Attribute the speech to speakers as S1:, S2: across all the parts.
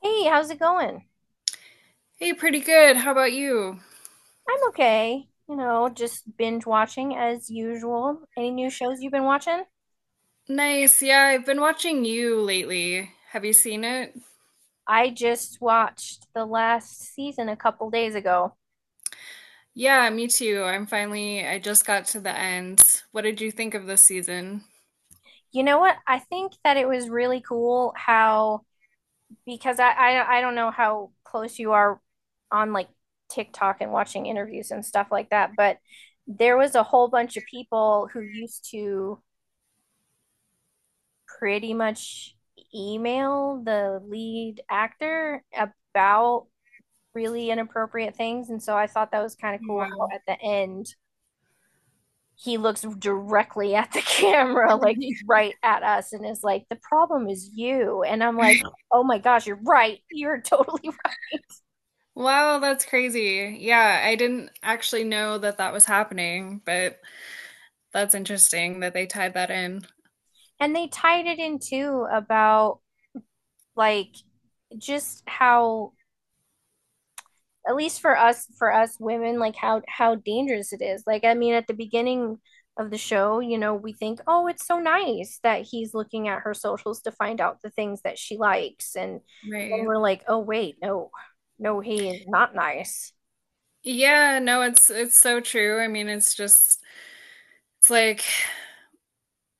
S1: Hey, how's it going?
S2: Hey, pretty good. How about you?
S1: I'm okay. You know, just binge watching as usual. Any new shows you've been watching?
S2: Nice. Yeah, I've been watching You lately. Have you seen it?
S1: I just watched the last season a couple days ago.
S2: Yeah, me too. I'm finally, I just got to the end. What did you think of this season?
S1: You know what? I think that it was really cool how because I don't know how close you are on TikTok and watching interviews and stuff like that, but there was a whole bunch of people who used to pretty much email the lead actor about really inappropriate things. And so I thought that was kind of cool how
S2: Wow.
S1: at the end he looks directly at the camera, like right at us, and is like, "The problem is you." And I'm like, "Oh my gosh, you're right. You're totally right."
S2: Wow, that's crazy. Yeah, I didn't actually know that that was happening, but that's interesting that they tied that in.
S1: And they tied it in too about like just how, at least for us women, like how dangerous it is. Like, I mean, at the beginning of the show, you know, we think, "Oh, it's so nice that he's looking at her socials to find out the things that she likes." And then
S2: Right.
S1: we're like, "Oh wait, no, no he is not nice."
S2: Yeah, no, it's so true. I mean, it's just it's like.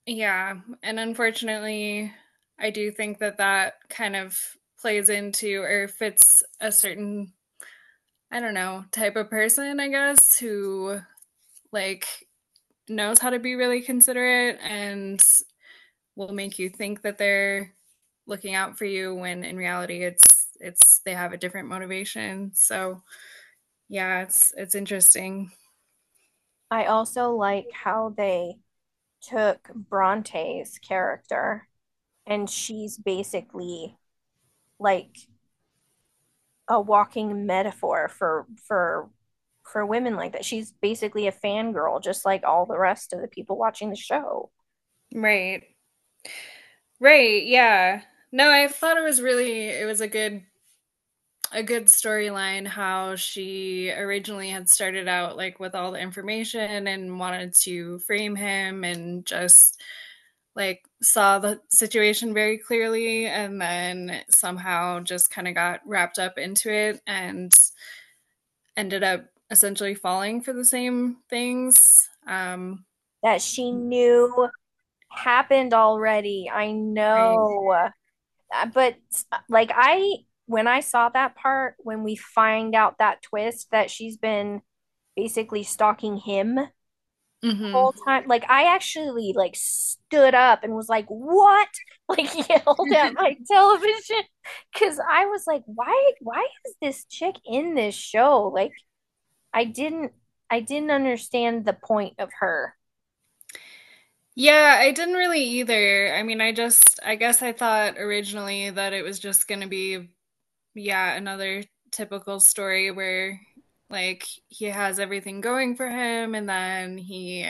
S2: Yeah, and unfortunately, I do think that that kind of plays into or fits a certain, I don't know, type of person, I guess, who like knows how to be really considerate and will make you think that they're looking out for you when in reality it's they have a different motivation. So, yeah, it's interesting.
S1: I also like how they took Bronte's character, and she's basically like a walking metaphor for for women like that. She's basically a fangirl, just like all the rest of the people watching the show.
S2: Right. Right, yeah. No, I thought it was really it was a good storyline how she originally had started out like with all the information and wanted to frame him and just like saw the situation very clearly and then somehow just kind of got wrapped up into it and ended up essentially falling for the same things.
S1: That she knew happened already. I
S2: Right.
S1: know. But like I when I saw that part, when we find out that twist that she's been basically stalking him
S2: Hmm.
S1: whole time. Like, I actually like stood up and was like, "What?" Like, yelled at my television because I was like, "Why? Why is this chick in this show?" Like, I didn't, I didn't understand the point of her.
S2: Yeah, I didn't really either. I mean, I guess I thought originally that it was just going to be yeah, another typical story where like he has everything going for him and then he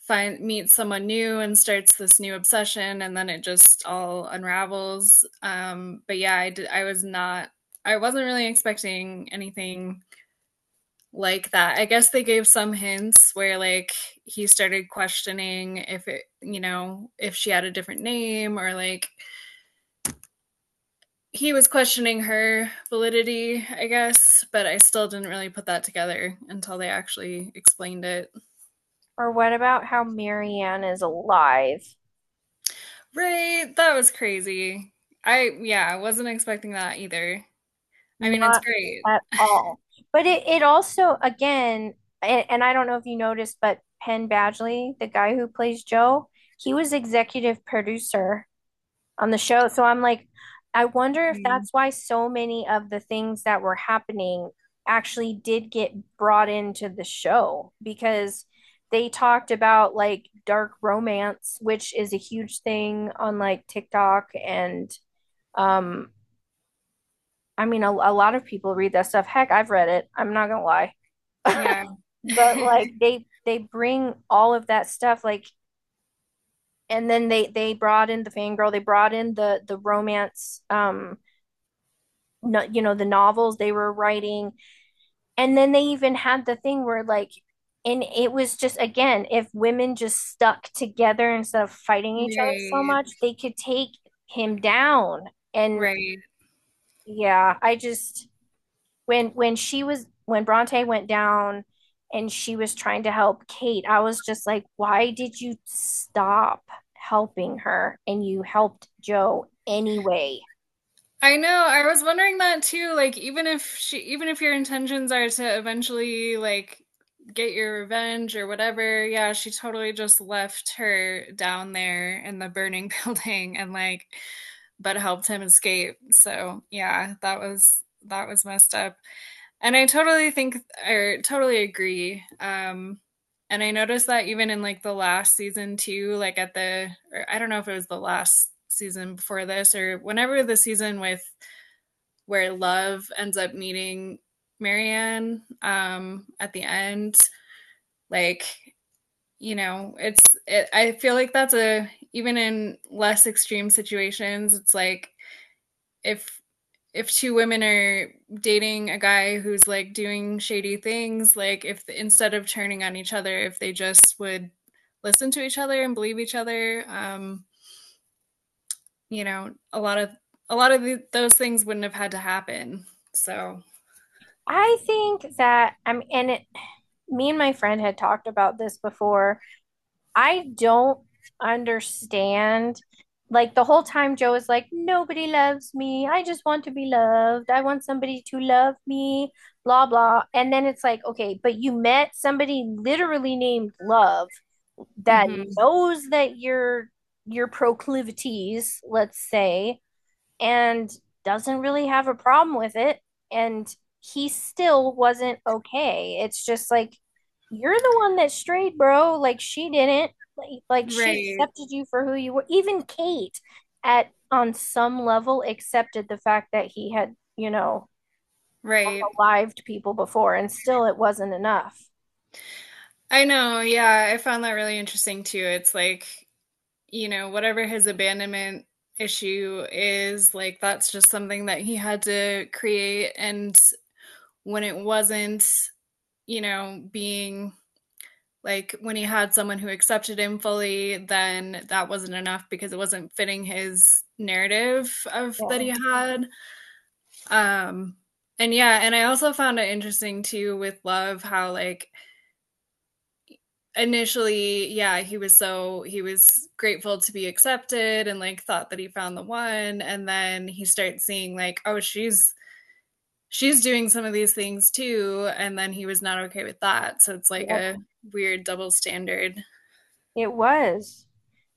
S2: find meets someone new and starts this new obsession and then it just all unravels. But yeah, I did, I was not I wasn't really expecting anything like that. I guess they gave some hints where like he started questioning if it, you know, if she had a different name or like he was questioning her validity, I guess, but I still didn't really put that together until they actually explained it.
S1: Or what about how Marianne is alive?
S2: Right, that was crazy. I yeah, I wasn't expecting that either. I mean, it's
S1: Not
S2: great.
S1: at all. But it also again, and I don't know if you noticed, but Penn Badgley, the guy who plays Joe, he was executive producer on the show. So I'm like, I wonder if
S2: Mhm.
S1: that's why so many of the things that were happening actually did get brought into the show, because they talked about like dark romance, which is a huge thing on like TikTok. And um, I mean, a lot of people read that stuff. Heck, I've read it. I'm not gonna lie.
S2: Yeah.
S1: But like they bring all of that stuff, like, and then they brought in the fangirl, they brought in the romance, no, you know, the novels they were writing. And then they even had the thing where like, and it was just again, if women just stuck together instead of fighting each other so
S2: Right,
S1: much, they could take him down. And
S2: right.
S1: yeah, I just, when she was, when Bronte went down and she was trying to help Kate, I was just like, why did you stop helping her and you helped Joe anyway?
S2: I know. I was wondering that too. Like, even if your intentions are to eventually like get your revenge or whatever, yeah, she totally just left her down there in the burning building and like but helped him escape. So yeah, that was messed up. And I totally think I totally agree. And I noticed that even in like the last season too, like at the or I don't know if it was the last season before this or whenever the season with where love ends up meeting Marianne at the end, like you know, it's it, I feel like that's a even in less extreme situations, it's like if if two women are dating a guy who's like doing shady things, like if instead of turning on each other, if they just would listen to each other and believe each other, you know, a lot of those things wouldn't have had to happen. So,
S1: I think that I'm and it me and my friend had talked about this before. I don't understand, like, the whole time Joe is like, "Nobody loves me. I just want to be loved. I want somebody to love me, blah blah." And then it's like, okay, but you met somebody literally named Love that
S2: mhm.
S1: knows that your proclivities, let's say, and doesn't really have a problem with it. And he still wasn't okay. It's just like, you're the one that strayed, bro. Like, she didn't. Like she
S2: Right,
S1: accepted you for who you were. Even Kate, at on some level, accepted the fact that he had, you know,
S2: right.
S1: alived people before, and still it wasn't enough.
S2: I know. Yeah, I found that really interesting too. It's like, you know, whatever his abandonment issue is, like that's just something that he had to create and when it wasn't, you know, being like when he had someone who accepted him fully, then that wasn't enough because it wasn't fitting his narrative of that
S1: Yeah.
S2: he had. Um and yeah, and I also found it interesting too with love how like initially, yeah, he was so he was grateful to be accepted and like thought that he found the one and then he starts seeing like oh, she's doing some of these things too, and then he was not okay with that. So it's like
S1: Yep.
S2: a weird double standard.
S1: It was.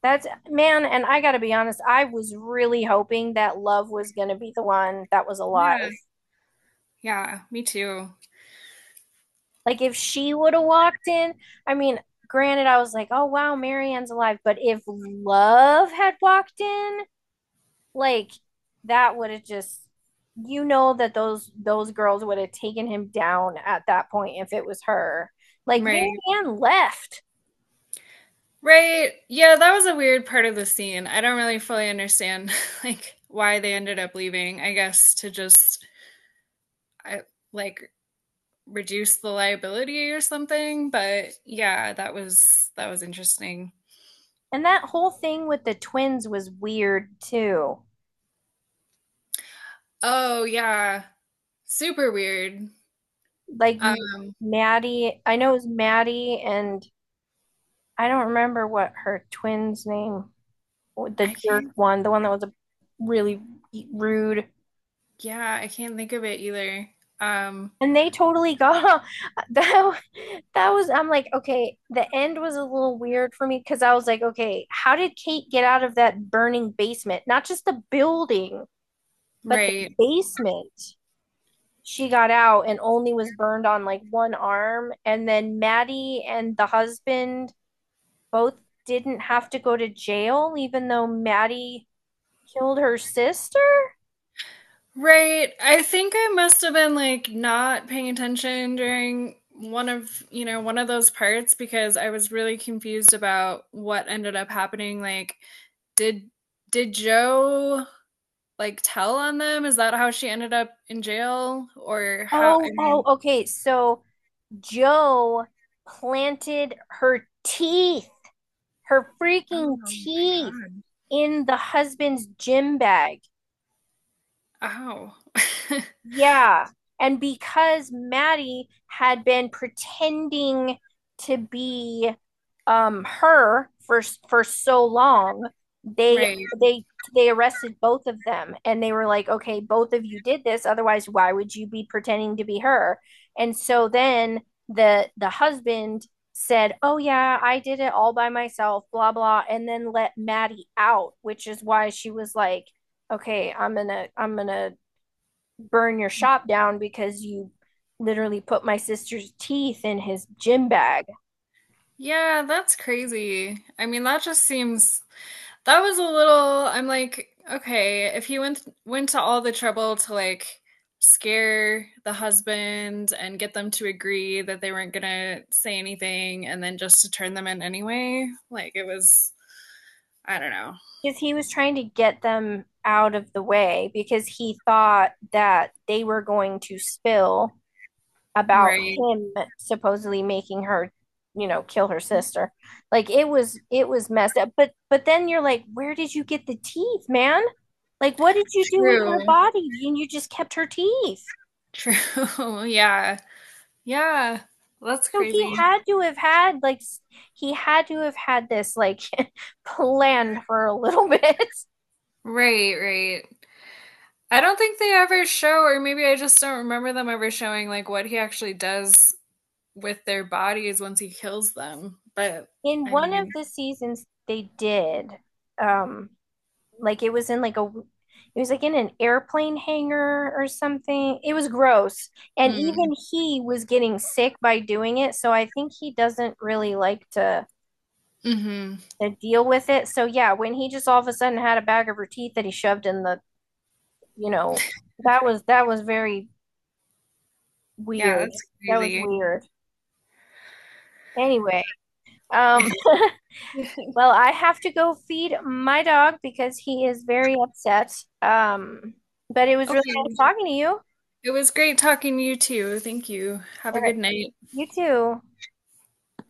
S1: That's man, and I gotta be honest, I was really hoping that Love was gonna be the one that was alive.
S2: Yeah, yeah, me too.
S1: Like, if she would have walked in, I mean, granted, I was like, "Oh wow, Marianne's alive." But if Love had walked in, like, that would have just, you know, that those girls would have taken him down at that point if it was her. Like
S2: Right.
S1: Marianne left.
S2: Right. Yeah, that was a weird part of the scene. I don't really fully understand like why they ended up leaving. I guess to just I, like reduce the liability or something, but yeah, that was interesting.
S1: And that whole thing with the twins was weird too.
S2: Oh, yeah. Super weird.
S1: Like
S2: Um
S1: Maddie, I know it was Maddie, and I don't remember what her twin's name, the
S2: I
S1: jerk
S2: can't.
S1: one, the one that was a really rude.
S2: Yeah, I can't think of it either. Um.
S1: And they totally got that. That was, I'm like, okay, the end was a little weird for me because I was like, okay, how did Kate get out of that burning basement? Not just the building, but the
S2: Right.
S1: basement. She got out and only was burned on like one arm. And then Maddie and the husband both didn't have to go to jail, even though Maddie killed her sister.
S2: Right. I think I must have been like not paying attention during one of, you know, one of those parts because I was really confused about what ended up happening. Like, did did Joe like tell on them? Is that how she ended up in jail? Or how I
S1: Oh, oh,
S2: mean,
S1: okay. So Joe planted her teeth, her freaking
S2: oh my
S1: teeth,
S2: God.
S1: in the husband's gym bag.
S2: Ow.
S1: Yeah. And because Maddie had been pretending to be her for so long, they
S2: Right.
S1: they they arrested both of them, and they were like, "Okay, both of you did this. Otherwise, why would you be pretending to be her?" And so then the husband said, "Oh yeah, I did it all by myself, blah blah," and then let Maddie out, which is why she was like, "Okay, I'm gonna burn your shop down because you literally put my sister's teeth in his gym bag,
S2: Yeah, that's crazy. I mean, that just seems. That was a little I'm like, okay, if he went to all the trouble to like scare the husband and get them to agree that they weren't gonna say anything and then just to turn them in anyway, like it was I don't know.
S1: because he was trying to get them out of the way because he thought that they were going to spill about
S2: Right.
S1: him supposedly making her, you know, kill her sister." Like, it was messed up. But then you're like, where did you get the teeth, man? Like, what did you do with
S2: True.
S1: her body and you just kept her teeth?
S2: True. Yeah. Yeah. That's
S1: So he
S2: crazy.
S1: had to have had like, he had to have had this like planned for a little bit.
S2: Right, right. I don't think they ever show, or maybe I just don't remember them ever showing like what he actually does with their bodies once he kills them. But
S1: In
S2: I
S1: one
S2: mean,
S1: of the seasons they did, um like it was in like a, it was like in an airplane hangar or something. It was gross. And
S2: mm,
S1: even he was getting sick by doing it, so I think he doesn't really like to
S2: hmm.
S1: deal with it. So yeah, when he just all of a sudden had a bag of her teeth that he shoved in the, you know, that was very
S2: Yeah,
S1: weird.
S2: that's
S1: That was
S2: crazy.
S1: weird. Anyway, um, well, I have to go feed my dog because he is very upset. Um, but it was really nice
S2: Okay,
S1: talking to you.
S2: it was great talking to you too. Thank you. Have
S1: All
S2: a
S1: right.
S2: good night.
S1: You too.